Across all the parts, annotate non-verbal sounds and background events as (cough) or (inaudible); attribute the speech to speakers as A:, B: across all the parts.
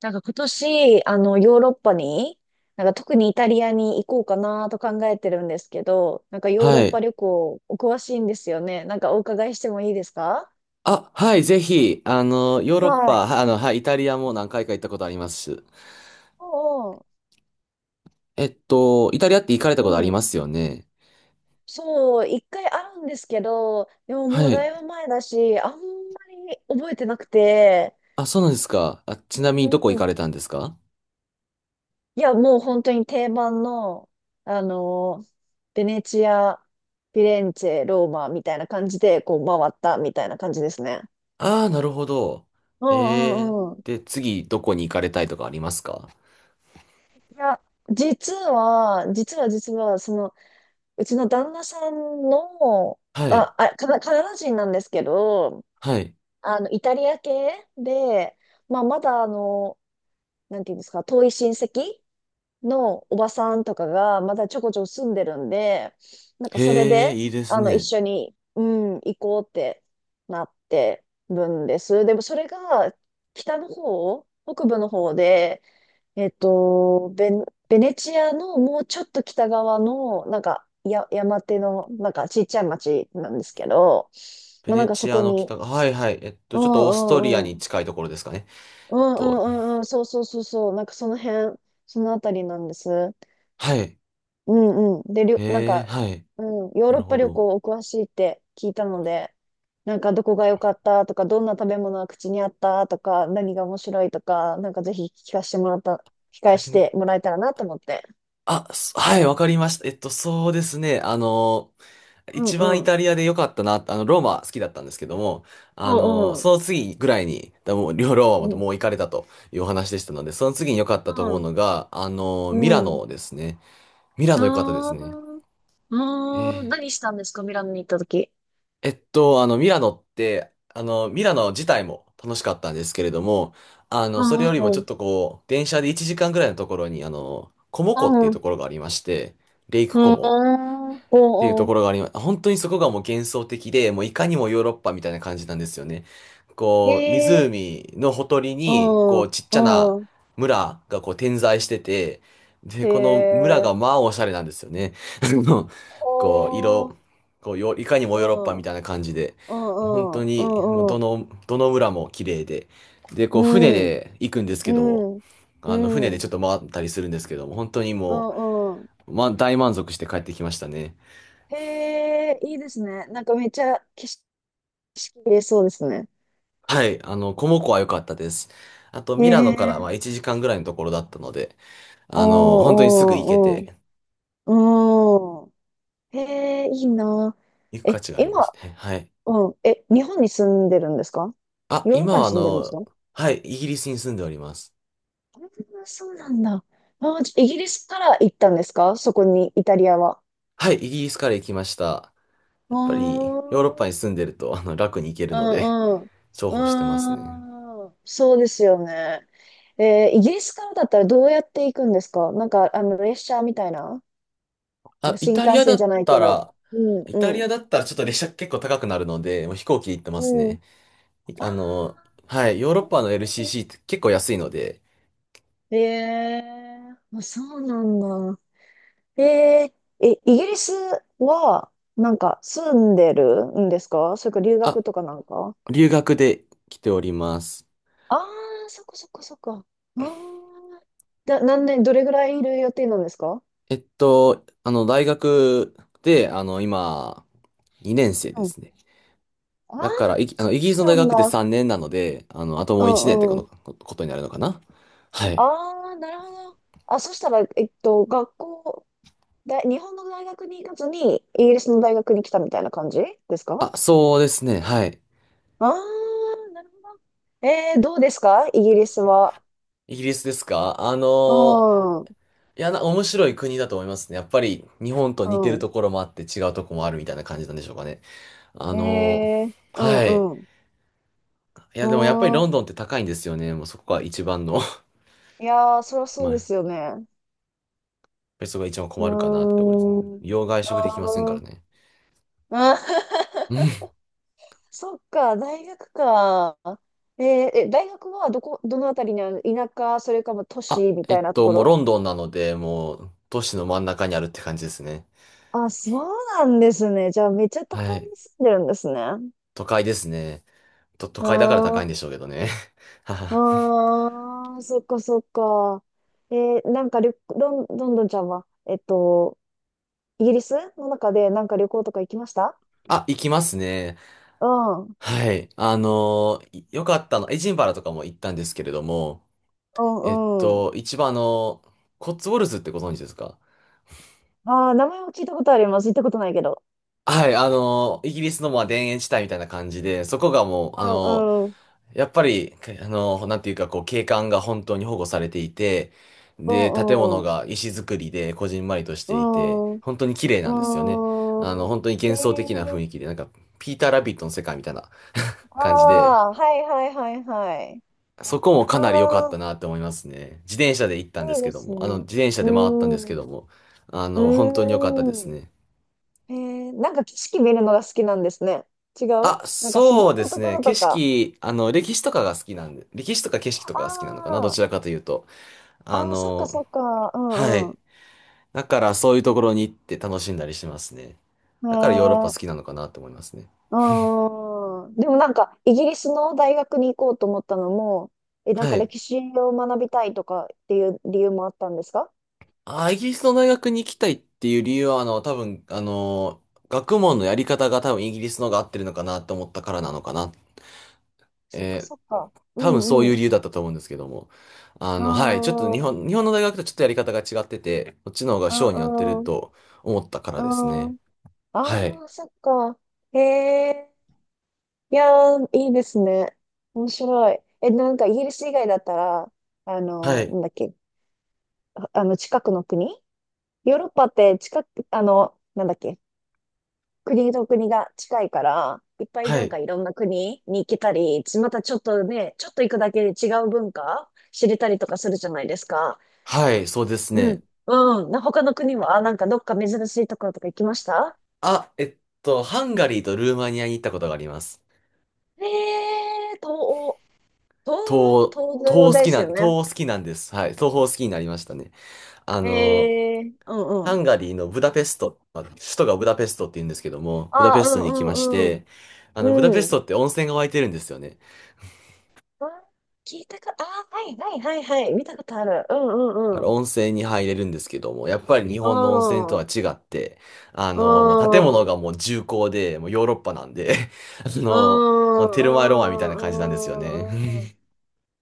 A: なんか今年、ヨーロッパに、なんか特にイタリアに行こうかなと考えてるんですけど、なんかヨーロ
B: は
A: ッパ
B: い。
A: 旅行お詳しいんですよね。なんかお伺いしてもいいですか？
B: あ、はい、ぜひ、ヨーロッ
A: は
B: パ、
A: い。
B: ははい、イタリアも何回か行ったことあります。
A: おう
B: イタリアって行かれたことあり
A: おう、うん。
B: ますよね。
A: そう、一回あるんですけど、でも
B: は
A: もうだ
B: い。
A: いぶ前だし、あんまり覚えてなくて、
B: あ、そうなんですか。あ、ちなみにど
A: う
B: こ行か
A: ん。
B: れたんですか？
A: いや、もう本当に定番の、あの、ベネチア、フィレンツェ、ローマみたいな感じで、こう回ったみたいな感じですね。
B: ああー、なるほど。
A: うん
B: へえ。
A: うんうん。い
B: で、次、どこに行かれたいとかありますか？
A: や、実は、うちの旦那さんの、
B: はい。
A: カナダ人なんですけど、
B: はい。
A: イタリア系で、まあ、まだなんていうんですか、遠い親戚のおばさんとかが、まだちょこちょこ住んでるんで、なんかそれ
B: へえ、
A: で、
B: いいです
A: 一
B: ね。
A: 緒に、うん、行こうってなってるんです。でもそれが、北の方、北部の方で、えっと、ベベネチアのもうちょっと北側の、なんか、山手の、なんかちっちゃい町なんですけど、
B: ベ
A: まあな
B: ネ
A: んかそ
B: チア
A: こ
B: の
A: に、
B: 北が、はいはい。
A: う
B: ちょっとオーストリア
A: んうんう
B: に
A: ん、
B: 近いところですかね。
A: う
B: えっ
A: んう
B: と、
A: んうんうん、そうそうそうそう、なんかその辺、そのあたりなんです。
B: はい。
A: うんうん。で、なん
B: へえ、
A: か、
B: はい。
A: うん、ヨー
B: な
A: ロッ
B: る
A: パ
B: ほ
A: 旅
B: ど。
A: 行お詳しいって聞いたので、なんかどこが良かったとか、どんな食べ物が口にあったとか、何が面白いとか、なんかぜひ聞
B: イ
A: か
B: タリア
A: せ
B: も。
A: てもらえたらなと思って。
B: あ、はい、わかりました。そうですね。一番
A: う
B: イ
A: ん、
B: タリアで良かったな、ローマ好きだったんですけども、
A: お
B: そ
A: う
B: の次ぐらいに、だもう、両ローマも
A: おう。う
B: もう行かれたというお話でしたので、その次に良かったと
A: ん。
B: 思うのが、
A: う
B: ミラ
A: ん。うん。
B: ノですね。ミラ
A: あ
B: ノ良かったですね。
A: ー。あー。
B: ええ
A: 何したんですかミラノに行ったとき？
B: ミラノって、ミラノ自体も楽しかったんですけれども、
A: う
B: それ
A: ん
B: より
A: う
B: も
A: ん
B: ち
A: う
B: ょっ
A: ん。
B: とこう、電車で1時間ぐらいのところに、コモ湖ってい
A: う
B: うと
A: ん。
B: ころがありまして、レイク
A: う
B: コモ
A: ん。
B: っていうと
A: おう
B: ころがあります。本当にそこがもう幻想的で、もういかにもヨーロッパみたいな感じなんですよね。
A: ん。へ
B: こう、
A: え。
B: 湖のほとりに、こ
A: う
B: う、
A: ん。
B: ちっちゃな
A: うん。
B: 村がこう点在してて、で、
A: へ
B: この村
A: え。
B: がまあおしゃれなんですよね。(laughs) あのこう、
A: ほ
B: 色、
A: ー。
B: こう、よいかに
A: う
B: もヨーロッパ
A: ん。う
B: みた
A: ん
B: いな感じで、
A: う
B: 本当
A: んう
B: に、もう
A: んう
B: ど
A: ん。
B: の、どの村も綺麗で、で、こ
A: う
B: う、船
A: ん
B: で行くんです
A: う
B: けども、
A: ん。うん。
B: 船でちょっと回ったりするんですけども、本当に
A: う
B: も
A: んうん。
B: う、ま、大満足して帰ってきましたね。
A: へえ、いいですね。なんかめっちゃ景色見れそうですね。
B: はい、コモコは良かったです。あと、
A: へ
B: ミラノからま
A: え。
B: あ1時間ぐらいのところだったので、
A: お
B: 本当にすぐ行け
A: ーおー
B: て、
A: おー。うん。へえ、いいな。
B: 行く
A: え、
B: 価値がありま
A: 今、
B: すね。はい。
A: うん。え、日本に住んでるんですか？
B: あ、
A: ヨーロッ
B: 今
A: パに
B: は
A: 住んでるんですか？
B: はい、イギリスに住んでおります。
A: あーそうなんだ。あー、じゃイギリスから行ったんですかそこに、イタリアは？
B: はい、イギリスから行きました。
A: う
B: やっぱ
A: ー
B: り、ヨーロッパに
A: ん。
B: 住んでると、楽に行ける
A: う
B: ので、
A: んうん。
B: 重宝してますね。
A: うーん。そうですよね。イギリスからだったらどうやって行くんですか？なんか、列車みたいな、なん
B: あ、
A: か
B: イ
A: 新
B: タリ
A: 幹
B: アだ
A: 線じ
B: っ
A: ゃない
B: た
A: けど。
B: ら、
A: うん
B: イタ
A: う
B: リ
A: ん。
B: アだったらちょっと列車結構高くなるので、もう飛行機で行ってます
A: うん。
B: ね。いあの、
A: あ
B: はい、ヨーロッパの
A: あ。
B: LCC って結構安いので、
A: ええ、あ、そうなんだ。えええ、イギリスは、なんか、住んでるんですかそれか留学
B: あ、
A: とかなんか？
B: 留学で来ております。
A: ああー、そっかそっかそっか。ああ、何年、どれぐらいいる予定なんですか？
B: 大学で、今、2年生で
A: うん。
B: すね。
A: ああ、
B: だから、いあの、イギリスの
A: な
B: 大
A: ん
B: 学って
A: だ。
B: 3年なので、あとも
A: う
B: う1年って
A: ん
B: こ
A: う
B: の
A: ん。
B: こことになるのかな？はい。
A: ああ、なるほど。あ、そしたら、学校、だ、日本の大学に行かずに、イギリスの大学に来たみたいな感じですか？
B: あ、そうですね。はい。
A: ああ、なるほど。どうですかイギリスは？
B: イギリスですか？
A: うん、う
B: いや、な、面白い国だと思いますね。やっぱり、日本と似てる
A: ん。
B: ところもあって違うとこもあるみたいな感じなんでしょうかね。あ
A: え
B: の
A: ー、う
B: ーはい。
A: ん、うん。
B: いや、
A: う
B: でもやっぱり
A: ー
B: ロン
A: ん。
B: ドンって高いんですよね。もうそこが一番の、
A: いやー、そりゃ
B: (laughs)
A: そ
B: ま
A: う
B: あ
A: ですよね。
B: ペソが一番
A: うー
B: 困るかなってところですね。
A: ん。う
B: 洋外食できませんか
A: ー
B: ら
A: ん。
B: ね。
A: ー (laughs)
B: うん。
A: そっか、大学か。えー、え、大学はどこ、どのあたりにある田舎、それかも都
B: あ、
A: 市みたいなとこ
B: もうロ
A: ろ？
B: ンドンなので、もう都市の真ん中にあるって感じですね。
A: あ、そうなんですね。じゃあ、めっちゃ都会
B: はい。
A: に住んでるんですね。
B: 都会ですね。と、都
A: あ
B: 会だから高いん
A: ー
B: でしょうけどね。(laughs) はは、
A: ああ、そっかそっか。なんか旅、ロン、ロンドンちゃんは、イギリスの中でなんか旅行とか行きました？
B: あ、行きますね。
A: うん。う
B: はい。よかったの、エジンバラとかも行ったんですけれども、
A: んうん。
B: 一番コッツウォルズってご存知ですか？
A: ああ、名前は聞いたことあります。行ったことないけど。
B: はい、イギリスのまあ田園地帯みたいな感じで、そこがもう、
A: うんうん。
B: やっぱり、かあの、なんていうか、こう、景観が本当に保護されていて、
A: う
B: で、建
A: ん
B: 物
A: うん。
B: が石造りで、こじんまりとし
A: う
B: ていて、
A: ん。
B: 本当に綺麗なんですよね。
A: うん。
B: 本当に
A: え
B: 幻想的な雰
A: ー、
B: 囲気で、なんか、ピーター・ラビットの世界みたいな
A: あ
B: 感じで、
A: あ、はいはいはいはい。
B: そこも
A: あ
B: かなり良かった
A: あ、
B: なって思いますね。自転車で行ったんで
A: い
B: す
A: い
B: け
A: で
B: ど
A: す
B: も、
A: ね。
B: 自転車
A: う
B: で回ったんです
A: ん。
B: けども、
A: う
B: 本当に良かったです
A: ん。
B: ね。
A: へえ、なんか景色見るのが好きなんですね。違う、
B: あ、
A: なんか自
B: そう
A: 然
B: で
A: の
B: す
A: とこ
B: ね。
A: ろ
B: 景
A: とか。
B: 色、歴史とかが好きなんで、歴史とか景色とかが好きなのかな、ど
A: あ
B: ちらかというと。
A: あ、
B: あ
A: ああ、そっか
B: の、
A: そっか。う
B: は
A: んう
B: い。
A: ん。
B: だからそういうところに行って楽しんだりしますね。
A: へ
B: だからヨーロッパ
A: え、
B: 好きなのかなと思いますね。
A: うん。でもなんか、イギリスの大学に行こうと思ったのも、え、なん
B: は
A: か
B: い。
A: 歴史を学びたいとかっていう理由もあったんですか？
B: あ、イギリスの大学に行きたいっていう理由は、多分、学問のやり方が多分イギリスのが合ってるのかなと思ったからなのかな。
A: そっか
B: えー
A: そっか。う
B: 多分そう
A: ん
B: い
A: う
B: う
A: ん。
B: 理由だったと思うんですけども。
A: あ
B: はい。ちょっと
A: あ、
B: 日本の大学とちょっとやり方が違ってて、こっちの方が
A: う
B: 性に合って
A: ん
B: る
A: うん。
B: と思ったからです
A: う
B: ね。
A: ん。
B: はい。
A: ああ、そっか。へえ。いやー、いいですね。面白い。え、なんかイギリス以外だったら、
B: はい。
A: なんだっけ、近くの国、ヨーロッパって近く、なんだっけ、国と国が近いから、いっぱい
B: は
A: なん
B: い。
A: かいろんな国に行けたり、またちょっとね、ちょっと行くだけで違う文化知れたりとかするじゃないですか。
B: はい。そうです
A: う
B: ね。
A: ん、うん。他の国は、なんかどっか珍しいところとか行きました？
B: あ、ハンガリーとルーマニアに行ったことがあります。
A: えー、東欧、東
B: 東、
A: 欧、東欧ですよね。
B: 東好きなんです。はい。東方好きになりましたね。あの、
A: えー、うんう
B: ハン
A: ん。
B: ガリーのブダペスト、まあ首都がブダペストって言うんですけども、ブダ
A: ああ、
B: ペス
A: う
B: トに行きまし
A: んうん
B: て、
A: う
B: ブダ
A: ん。
B: ペス
A: うん。
B: トって温泉が湧いてるんですよね。
A: あ聞いたか、ああ、はいはいはいはい。見たことある。うんう
B: だか
A: ん
B: ら
A: うん。
B: 温泉に入れるんですけども、やっぱり日
A: う
B: 本の温泉と
A: ん
B: は
A: う
B: 違って、
A: んう
B: もう建物
A: ん
B: がもう重厚で、もうヨーロッパなんで、(laughs) あの、
A: う
B: まあ、テルマエロマエみたいな感じなんですよね。
A: んうん。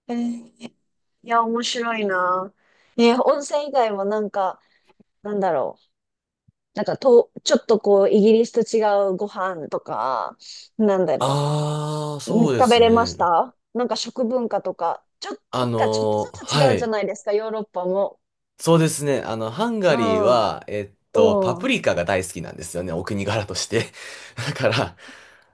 A: えー、いや、面白いな。ね、温泉以外もなんか、なんだろう。なんかと、ちょっとこう、イギリスと違うご飯とか、なんだ
B: (laughs)
A: ろ
B: あー、
A: う。
B: そうで
A: 食
B: す
A: べれま
B: ね。
A: した？なんか食文化とか、なんかちょっとずつ違
B: は
A: うじゃ
B: い。
A: ないですか、ヨーロッパも。
B: そうですね。ハンガ
A: う
B: リー
A: ん。
B: は、
A: お
B: パプ
A: お、
B: リカが大好きなんですよね。お国柄として。(laughs) だから、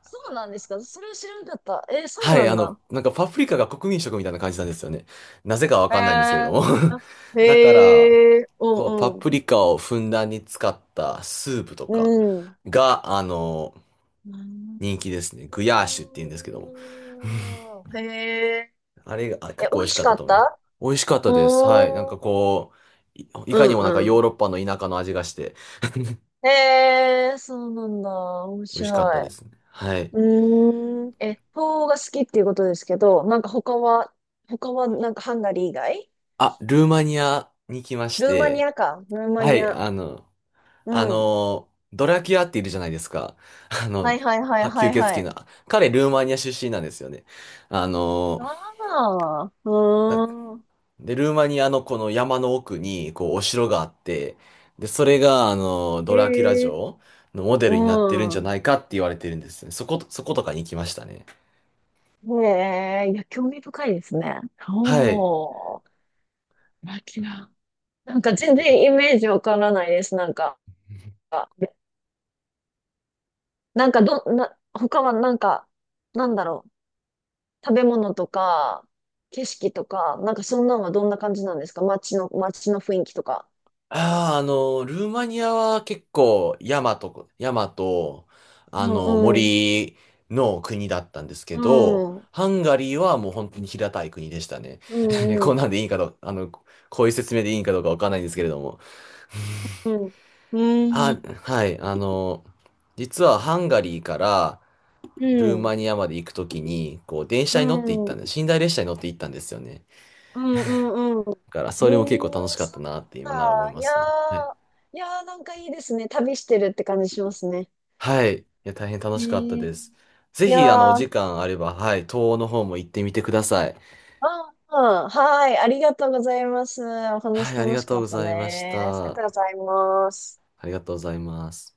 A: そうなんですか？それは知らなかった。えーそう
B: は
A: な
B: い、
A: んだ。
B: なんかパプリカが国民食みたいな感じなんですよね。なぜかわ
A: へ
B: かんないんですけれど
A: え。
B: も。
A: あ、
B: (laughs) だから、
A: へえ、う
B: こう、パ
A: んうん。
B: プリカをふんだんに使ったスープと
A: う
B: か
A: ん。
B: が、人
A: う
B: 気ですね。グヤーシュって言うんですけども。
A: ん、へえ。
B: あれが、結
A: え、美
B: 構美味
A: 味
B: し
A: し
B: かっ
A: か
B: た
A: っ
B: と思います。
A: た？
B: 美味しかったです。はい。なんか
A: おー。
B: こう、いい
A: う
B: か
A: ん
B: にもなんか
A: うん。
B: ヨーロッパの田舎の味がして、
A: へえ、そうなんだ。面
B: 美味しかった
A: 白
B: で
A: い。
B: すね。はい。
A: うーん。え、フォーが好きっていうことですけど、なんか他は、なんかハンガリー以外？
B: あ、ルーマニアに来まし
A: ルーマニ
B: て、
A: アか。ルーマ
B: は
A: ニ
B: い、
A: ア。うん。
B: ドラキュアっているじゃないですか。(laughs) あ
A: は
B: の、
A: いはいはい
B: は
A: は
B: 吸
A: いは
B: 血鬼の。
A: い。
B: 彼、ルーマニア出身なんですよね。あの、
A: ああ、う
B: だ
A: ーん。
B: で、ルーマニアのこの山の奥に、こう、お城があって、で、それが、
A: え
B: ドラキュラ
A: え、
B: 城のモデルになってるん
A: う
B: じゃ
A: ん。
B: ないかって言われてるんですね。そこ、そことかに行きましたね。
A: ねえ、いや、興味深いですね。
B: はい。
A: おー、ラキナ。なんか全然イメージわからないです。なんか、なんかど、な、他はなんか、なんだろう。食べ物とか、景色とか、なんかそんなのはどんな感じなんですか街の、街の雰囲気とか？
B: ああ、ルーマニアは結構山と、
A: うん、うん、
B: 森の国だったんですけ
A: う
B: ど、
A: ん、
B: ハンガリーはもう本当に平たい国でしたね。
A: う
B: (laughs)
A: ん、う
B: こん
A: ん、
B: なんでいいかどうかこういう説明でいいんかどうかわかんないんですけれども。
A: うん、う
B: あ、
A: ん、
B: はい、実はハンガリーから
A: う
B: ルー
A: ん、
B: マニアまで行くときに、こう、電
A: う
B: 車に乗って行った
A: ん、
B: んで、寝台列車に乗って行ったんですよね。
A: うんうんう
B: だから、
A: ん。
B: そ
A: へ
B: れも結構
A: え、
B: 楽しかった
A: そう
B: なって今なら思い
A: だ。い
B: ま
A: や
B: すね。
A: ー、いやーなんかいいですね。旅してるって感じしますね。
B: はい。いや、大変楽
A: へ
B: しかった
A: え。
B: です。ぜ
A: いや
B: ひ、お
A: ー、
B: 時間あれば、はい、東欧の方も行ってみてください。
A: ああ、あはい。ありがとうございます。お
B: は
A: 話
B: い、あり
A: 楽
B: が
A: し
B: とう
A: かっ
B: ご
A: た
B: ざいまし
A: です。あり
B: た。
A: がとうございます。
B: ありがとうございます。